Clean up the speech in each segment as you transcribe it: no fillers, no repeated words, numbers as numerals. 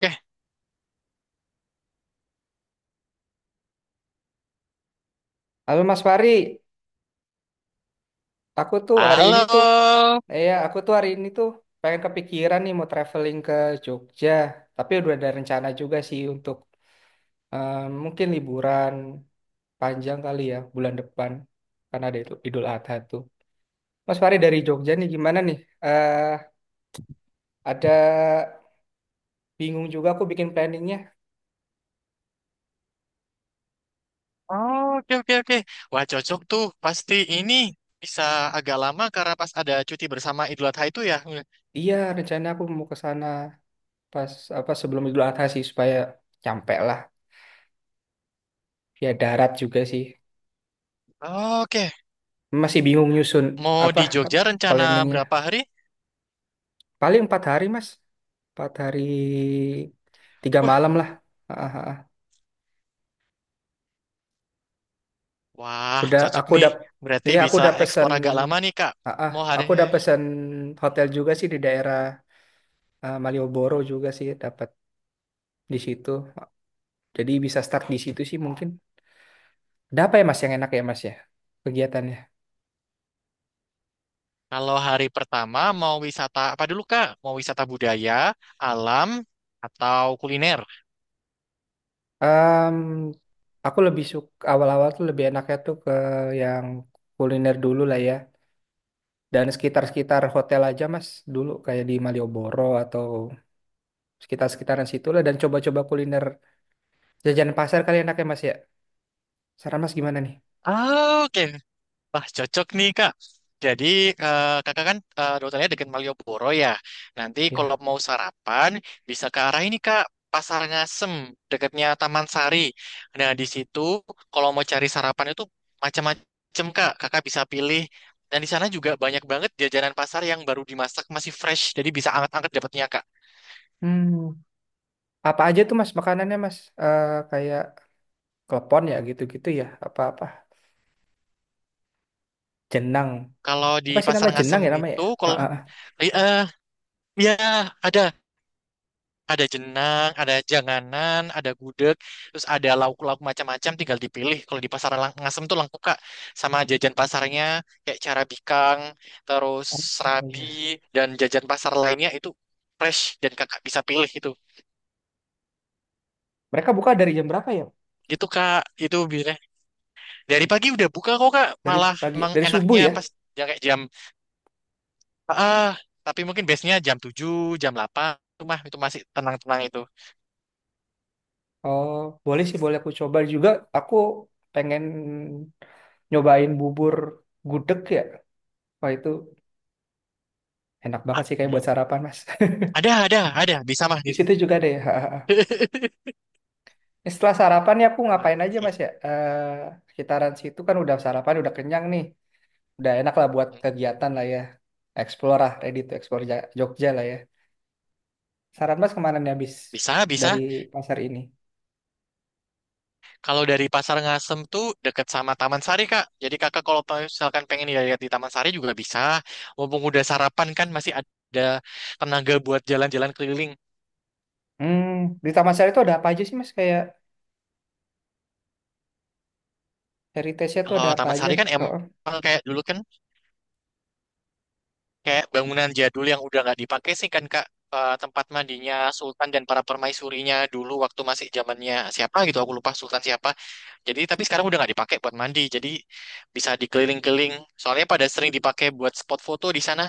Oke, Halo Mas Fari, aku tuh hari ini tuh, halo. Aku tuh hari ini tuh pengen kepikiran nih mau traveling ke Jogja, tapi udah ada rencana juga sih untuk eh, mungkin liburan panjang kali ya bulan depan karena ada itu Idul Adha tuh. Mas Fari dari Jogja nih gimana nih? Eh ada bingung juga aku bikin planningnya. Oh, oke, oke, oke. Wah, cocok tuh. Pasti ini bisa agak lama karena pas ada cuti bersama Idul Adha itu ya. Iya rencana aku mau ke sana pas apa sebelum Idul Adha sih supaya nyampe lah. Ya darat juga sih. Oke, Masih bingung nyusun mau apa di Jogja rencana berapa planningnya. hari? Paling empat hari, Mas. Empat hari, tiga Wih, malam lah. Ah, ah, ah. wah, Udah, cocok nih. Berarti aku bisa udah pesen, eksplor agak lama nih, Kak. ah, ah. Mau hari aku udah pesen hotel juga sih di daerah Malioboro juga sih dapat di situ. Jadi bisa start di situ sih mungkin. Ada apa ya Mas yang enak ya Mas ya kegiatannya? kalau hari pertama mau wisata apa dulu, Kak? Mau wisata budaya, alam, atau kuliner? Em, aku lebih suka awal-awal tuh lebih enaknya tuh ke yang kuliner dulu lah ya. Dan sekitar-sekitar hotel aja Mas dulu kayak di Malioboro atau sekitar-sekitaran situ lah dan coba-coba kuliner jajanan pasar kali enaknya mas ya saran mas gimana nih Ah, oke, wah, cocok nih, Kak. Jadi, Kakak kan dokternya dekat Malioboro ya. Nanti kalau ya. mau sarapan, bisa ke arah ini, Kak. Pasar Ngasem, dekatnya Taman Sari. Nah, di situ kalau mau cari sarapan itu macam-macam, Kak. Kakak bisa pilih. Dan di sana juga banyak banget jajanan pasar yang baru dimasak, masih fresh. Jadi bisa anget-anget dapatnya, Kak. Hmm, apa aja tuh mas makanannya mas? Kayak klepon ya gitu-gitu ya apa-apa jenang, Kalau di apa sih nama Pasar jenang Ngasem ya namanya ya? itu, kalau... Ah. Eh, eh, Ya, ada. Ada jenang, ada janganan, ada gudeg, terus ada lauk-lauk macam-macam tinggal dipilih. Kalau di pasar Ngasem tuh lengkap Kak, sama jajan pasarnya kayak cara bikang, terus Oh, serabi iya. dan jajan pasar lainnya itu fresh dan Kakak bisa pilih itu. Mereka buka dari jam berapa ya, Gitu Kak, itu biasanya. Dari pagi udah buka kok Kak, dari malah pagi emang dari subuh enaknya ya? pas ya kayak ah, tapi mungkin biasanya jam 7, jam 8. Itu mah itu masih tenang-tenang itu. Oh, boleh sih, boleh, aku coba juga. Aku pengen nyobain bubur gudeg ya, wah itu enak Ah, banget sih kayak buat ya. sarapan mas. Ada, bisa mah. Di situ juga ada ya. Ini setelah sarapan nih aku ngapain aja Mas ya? Sekitaran situ kan udah sarapan, udah kenyang nih. Udah enak lah buat Oke. kegiatan lah ya. Explore lah, ready to explore Jogja lah ya. Saran Mas kemana nih habis Bisa, dari bisa. pasar ini? Kalau dari Pasar Ngasem tuh deket sama Taman Sari, Kak. Jadi kakak kalau misalkan pengen lihat di Taman Sari juga bisa. Mumpung udah sarapan kan masih ada tenaga buat jalan-jalan keliling. Hmm, di Taman Sari itu ada apa aja sih Mas? Kayak heritage-nya tuh Kalau ada apa Taman aja? Sari kan emang Oh, kayak dulu kan kayak bangunan jadul yang udah nggak dipakai sih kan, Kak. Tempat mandinya Sultan dan para permaisurinya dulu waktu masih zamannya siapa gitu aku lupa Sultan siapa jadi tapi sekarang udah nggak dipakai buat mandi jadi bisa dikeliling-keliling soalnya pada sering dipakai buat spot foto di sana.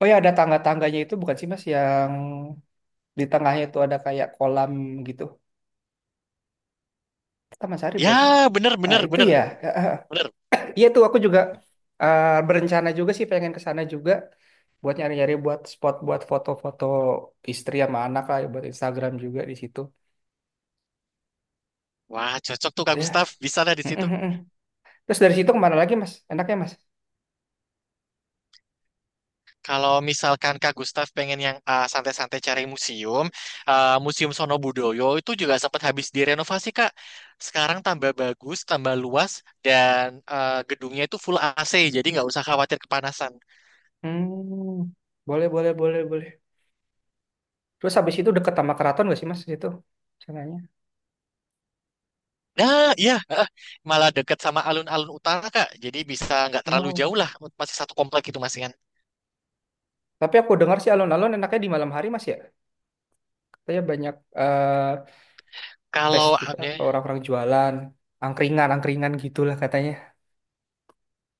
oh ya, ada tangga-tangganya itu bukan sih Mas yang di tengahnya itu ada kayak kolam gitu. Taman Sari bukan sih Mas? Ya, bener, Nah bener, itu bener, ya. bener. Iya tuh aku juga berencana juga sih pengen ke sana juga buat nyari-nyari buat spot buat foto-foto istri sama anak lah buat Instagram juga di situ. Wah, cocok tuh Kak Gustaf. Ya, Bisa lah di mm, situ. mm, mm. Terus dari situ kemana lagi Mas? Enaknya Mas? Kalau misalkan Kak Gustaf pengen yang santai-santai cari museum, Museum Sono Budoyo itu juga sempat habis direnovasi, Kak. Sekarang tambah bagus, tambah luas, dan gedungnya itu full AC, jadi nggak usah khawatir kepanasan. Hmm. Boleh, boleh, boleh, boleh. Terus habis itu deket sama keraton gak sih Mas itu? Sananya. Nah, iya, malah dekat sama alun-alun utara, Kak. Jadi bisa nggak terlalu jauh Oh. lah, masih satu komplek itu masih kan. Tapi aku dengar sih alun-alun enaknya di malam hari Mas ya. Katanya banyak eh, Kalau, eh, festival orang-orang jualan, angkringan gitulah katanya.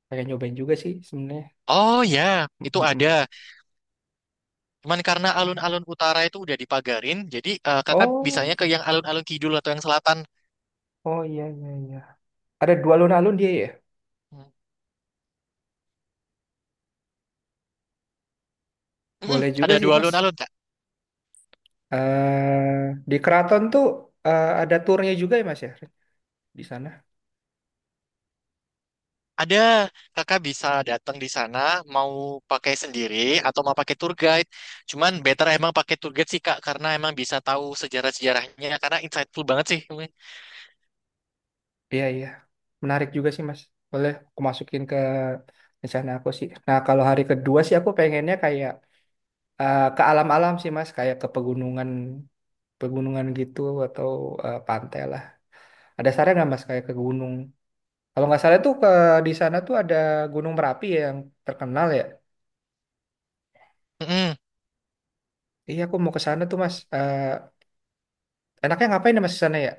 Pengen nyobain juga sih sebenarnya. oh ya, Mm, itu mm, ada. mm. Cuman karena alun-alun utara itu udah dipagarin, jadi kakak Oh, bisanya ke yang alun-alun kidul atau yang selatan. oh iya, iya, iya. Ada dua alun-alun dia ya. Mm-mm, Boleh juga ada sih dua Mas. alun-alun, Kak. eh di Keraton tuh ada turnya juga ya Mas ya di sana. Ada, kakak bisa datang di sana, mau pakai sendiri atau mau pakai tour guide. Cuman better emang pakai tour guide sih, Kak, karena emang bisa tahu sejarah-sejarahnya, karena insightful banget sih. Iya iya. Menarik juga sih Mas. Boleh aku masukin ke rencana aku sih. Nah kalau hari kedua sih aku pengennya kayak ke alam-alam sih Mas. Kayak ke pegunungan pegunungan gitu atau pantai lah. Ada saran nggak Mas kayak ke gunung? Kalau nggak salah tuh ke di sana tuh ada Gunung Merapi ya yang terkenal ya. Mm-mm. Iya, aku mau ke sana tuh, Mas. Enaknya ngapain ya, Mas, ke sana ya?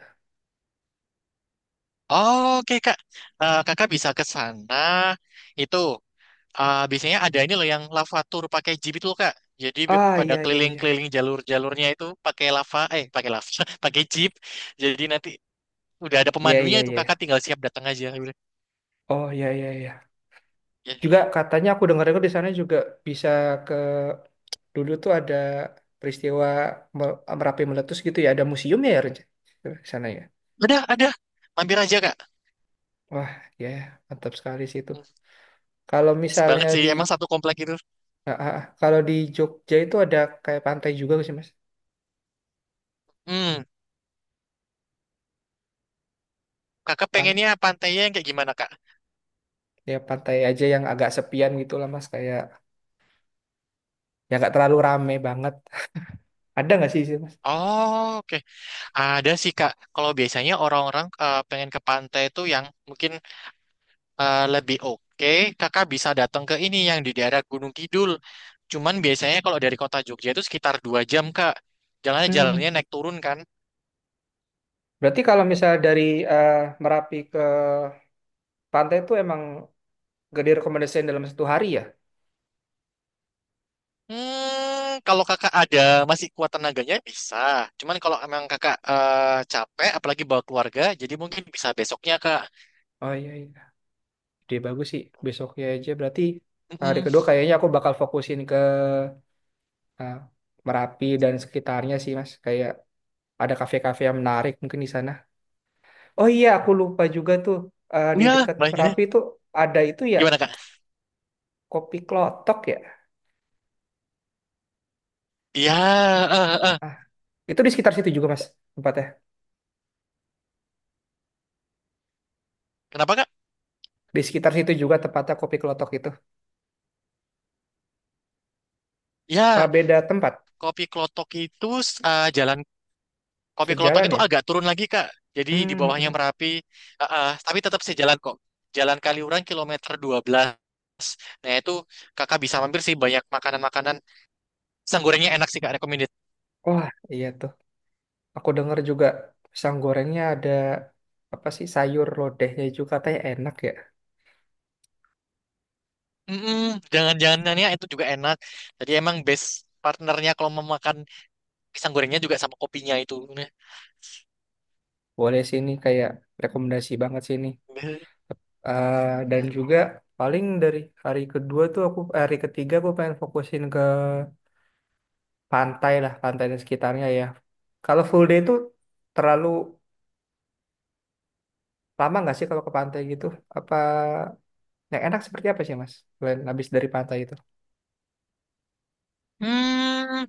Oke, Kak. Kakak bisa ke sana, itu. Ah, biasanya ada ini loh yang lava tour pakai jeep itu loh, Kak. Jadi Ah, pada iya, iya, iya. keliling-keliling jalur-jalurnya itu pakai lava, eh pakai lava, pakai jeep. Jadi nanti udah ada Iya, pemandunya iya, itu iya, Kakak iya. tinggal siap datang aja. Oh, iya, iya, iya. Ya. Juga katanya aku dengar-dengar di sana juga bisa ke... Dulu tuh ada peristiwa Merapi meletus gitu ya. Ada museum ya, Ren? Di sana ya. Ada, ada. Mampir aja, Kak. Wah, ya, mantap sekali sih itu. Hmm, Kalau Pas misalnya banget sih, di... emang satu komplek itu. Ah. Kalau di Jogja itu ada kayak pantai juga nggak sih, Mas? Hmm, Kakak Pan pengennya pantainya yang kayak gimana, Kak? Ya, pantai aja yang agak sepian gitu lah, Mas. Kayak... ya nggak terlalu rame banget. Ada nggak sih, Mas? Oh, oke. Ada sih, Kak. Kalau biasanya orang-orang pengen ke pantai itu yang mungkin lebih oke, kakak bisa datang ke ini yang di daerah Gunung Kidul. Cuman biasanya kalau dari kota Jogja itu sekitar 2 jam, Kak. Jalannya Hmm. jalannya naik turun kan. Berarti kalau misalnya dari eh, Merapi ke pantai itu emang gak direkomendasikan dalam satu hari ya? Kalau kakak ada masih kuat tenaganya bisa. Cuman kalau emang kakak capek, apalagi bawa keluarga, jadi mungkin bisa besoknya kak. Oh iya iya, dia bagus sih. Besoknya aja berarti hari Mm-mm. kedua kayaknya aku bakal fokusin ke eh, Merapi dan sekitarnya sih Mas. Kayak ada kafe-kafe yang menarik mungkin di sana. Oh iya, aku lupa juga tuh, di Ya, dekat baiknya. Merapi itu ada itu ya, Gimana kak? kopi klotok ya. Ya, eh, eh, eh. Ah, itu di sekitar situ juga Mas tempatnya. Kenapa kak? Di sekitar situ juga tempatnya kopi klotok itu. Apa Ya, beda tempat? kopi klotok itu eh, jalan Kopi Klotok Sejalan itu ya? agak turun lagi Kak. Jadi di Hmm, hmm, bawahnya hmm. Merapi, ah, ah, tapi tetap sejalan kok. Jalan Kaliurang kilometer 12. Nah itu kakak bisa mampir sih banyak makanan-makanan. Pisang gorengnya enak sih Kak, recommended. Wah, iya tuh. Aku dengar juga pisang gorengnya ada apa sih, sayur lodehnya juga katanya enak ya. Mm-mm, jangan-jangannya itu juga enak. Jadi emang best partnernya kalau mau makan pisang gorengnya juga sama kopinya itu. Boleh sini kayak rekomendasi banget sini. Dan juga paling dari hari kedua tuh aku hari ketiga aku pengen fokusin ke pantai lah, pantai dan sekitarnya ya. Kalau full day itu terlalu lama nggak sih kalau ke pantai gitu? Apa yang enak seperti apa sih Mas? Selain habis dari pantai itu? Hmm,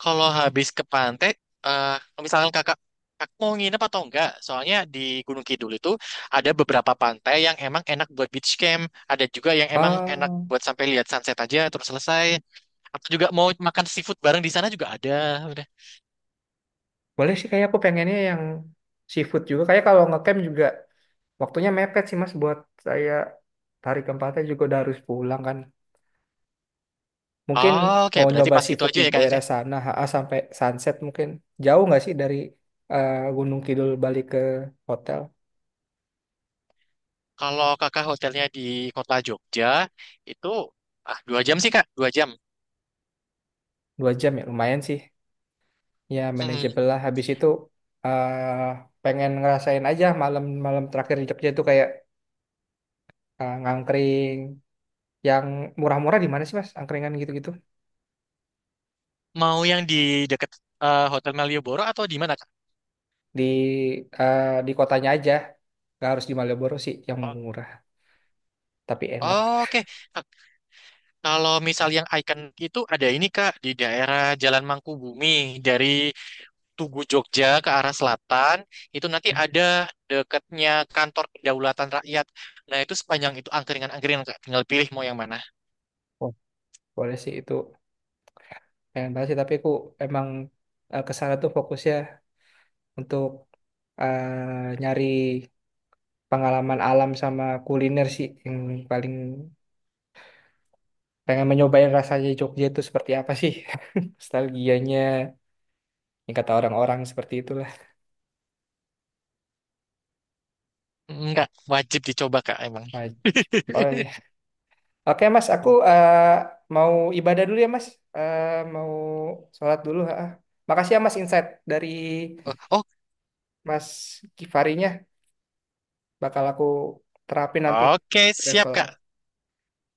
Kalau habis ke pantai, eh misalkan kakak mau nginep atau enggak? Soalnya di Gunung Kidul itu ada beberapa pantai yang emang enak buat beach camp, ada juga yang emang enak Oh, buat sampai lihat sunset aja terus selesai. Atau juga mau makan seafood bareng di sana juga ada. Udah. boleh sih kayak aku pengennya yang seafood juga. Kayak kalau ngecamp juga waktunya mepet sih Mas buat saya, hari keempatnya juga udah harus pulang kan. Mungkin Oh, oke, mau berarti nyoba pas itu seafood di aja ya kak. daerah Irene. sana HA sampai sunset mungkin. Jauh nggak sih dari Gunung Kidul balik ke hotel? Kalau kakak hotelnya di kota Jogja itu 2 jam sih kak, 2 jam. Dua jam ya lumayan sih. Ya Mm-mm. manageable lah. Habis itu eh pengen ngerasain aja malam-malam terakhir di Jogja itu kayak ngangkring yang murah-murah di mana sih Mas? Angkringan gitu-gitu. Mau yang di deket Hotel Malioboro atau di mana kak? Di di kotanya aja. Gak harus di Malioboro sih yang murah tapi enak. Oh, oke, kalau misal yang icon itu ada ini Kak di daerah Jalan Mangkubumi dari Tugu Jogja ke arah selatan itu nanti ada dekatnya kantor kedaulatan rakyat. Nah itu sepanjang itu angkringan-angkringan Kak tinggal pilih mau yang mana. Boleh sih itu, pengen banget sih, tapi aku emang ke sana tuh fokusnya untuk nyari pengalaman alam sama kuliner sih yang paling pengen mencobain rasanya Jogja itu seperti apa sih. Nostalgianya yang kata orang-orang seperti itulah. Enggak wajib dicoba Kak emang. Wajib. Oh iya, oke Mas, aku mau ibadah dulu ya Mas. Mau sholat dulu ha. Makasih ya Mas, insight dari Oh oh, Mas Kifarinya bakal aku terapin nanti oke siap travel. Kak.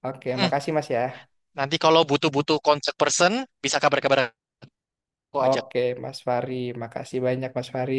Oke, Mm, makasih Mas ya. Nanti kalau butuh-butuh kontak person bisa kabar-kabar aku aja. Oke, Mas Fari. Makasih banyak Mas Fari.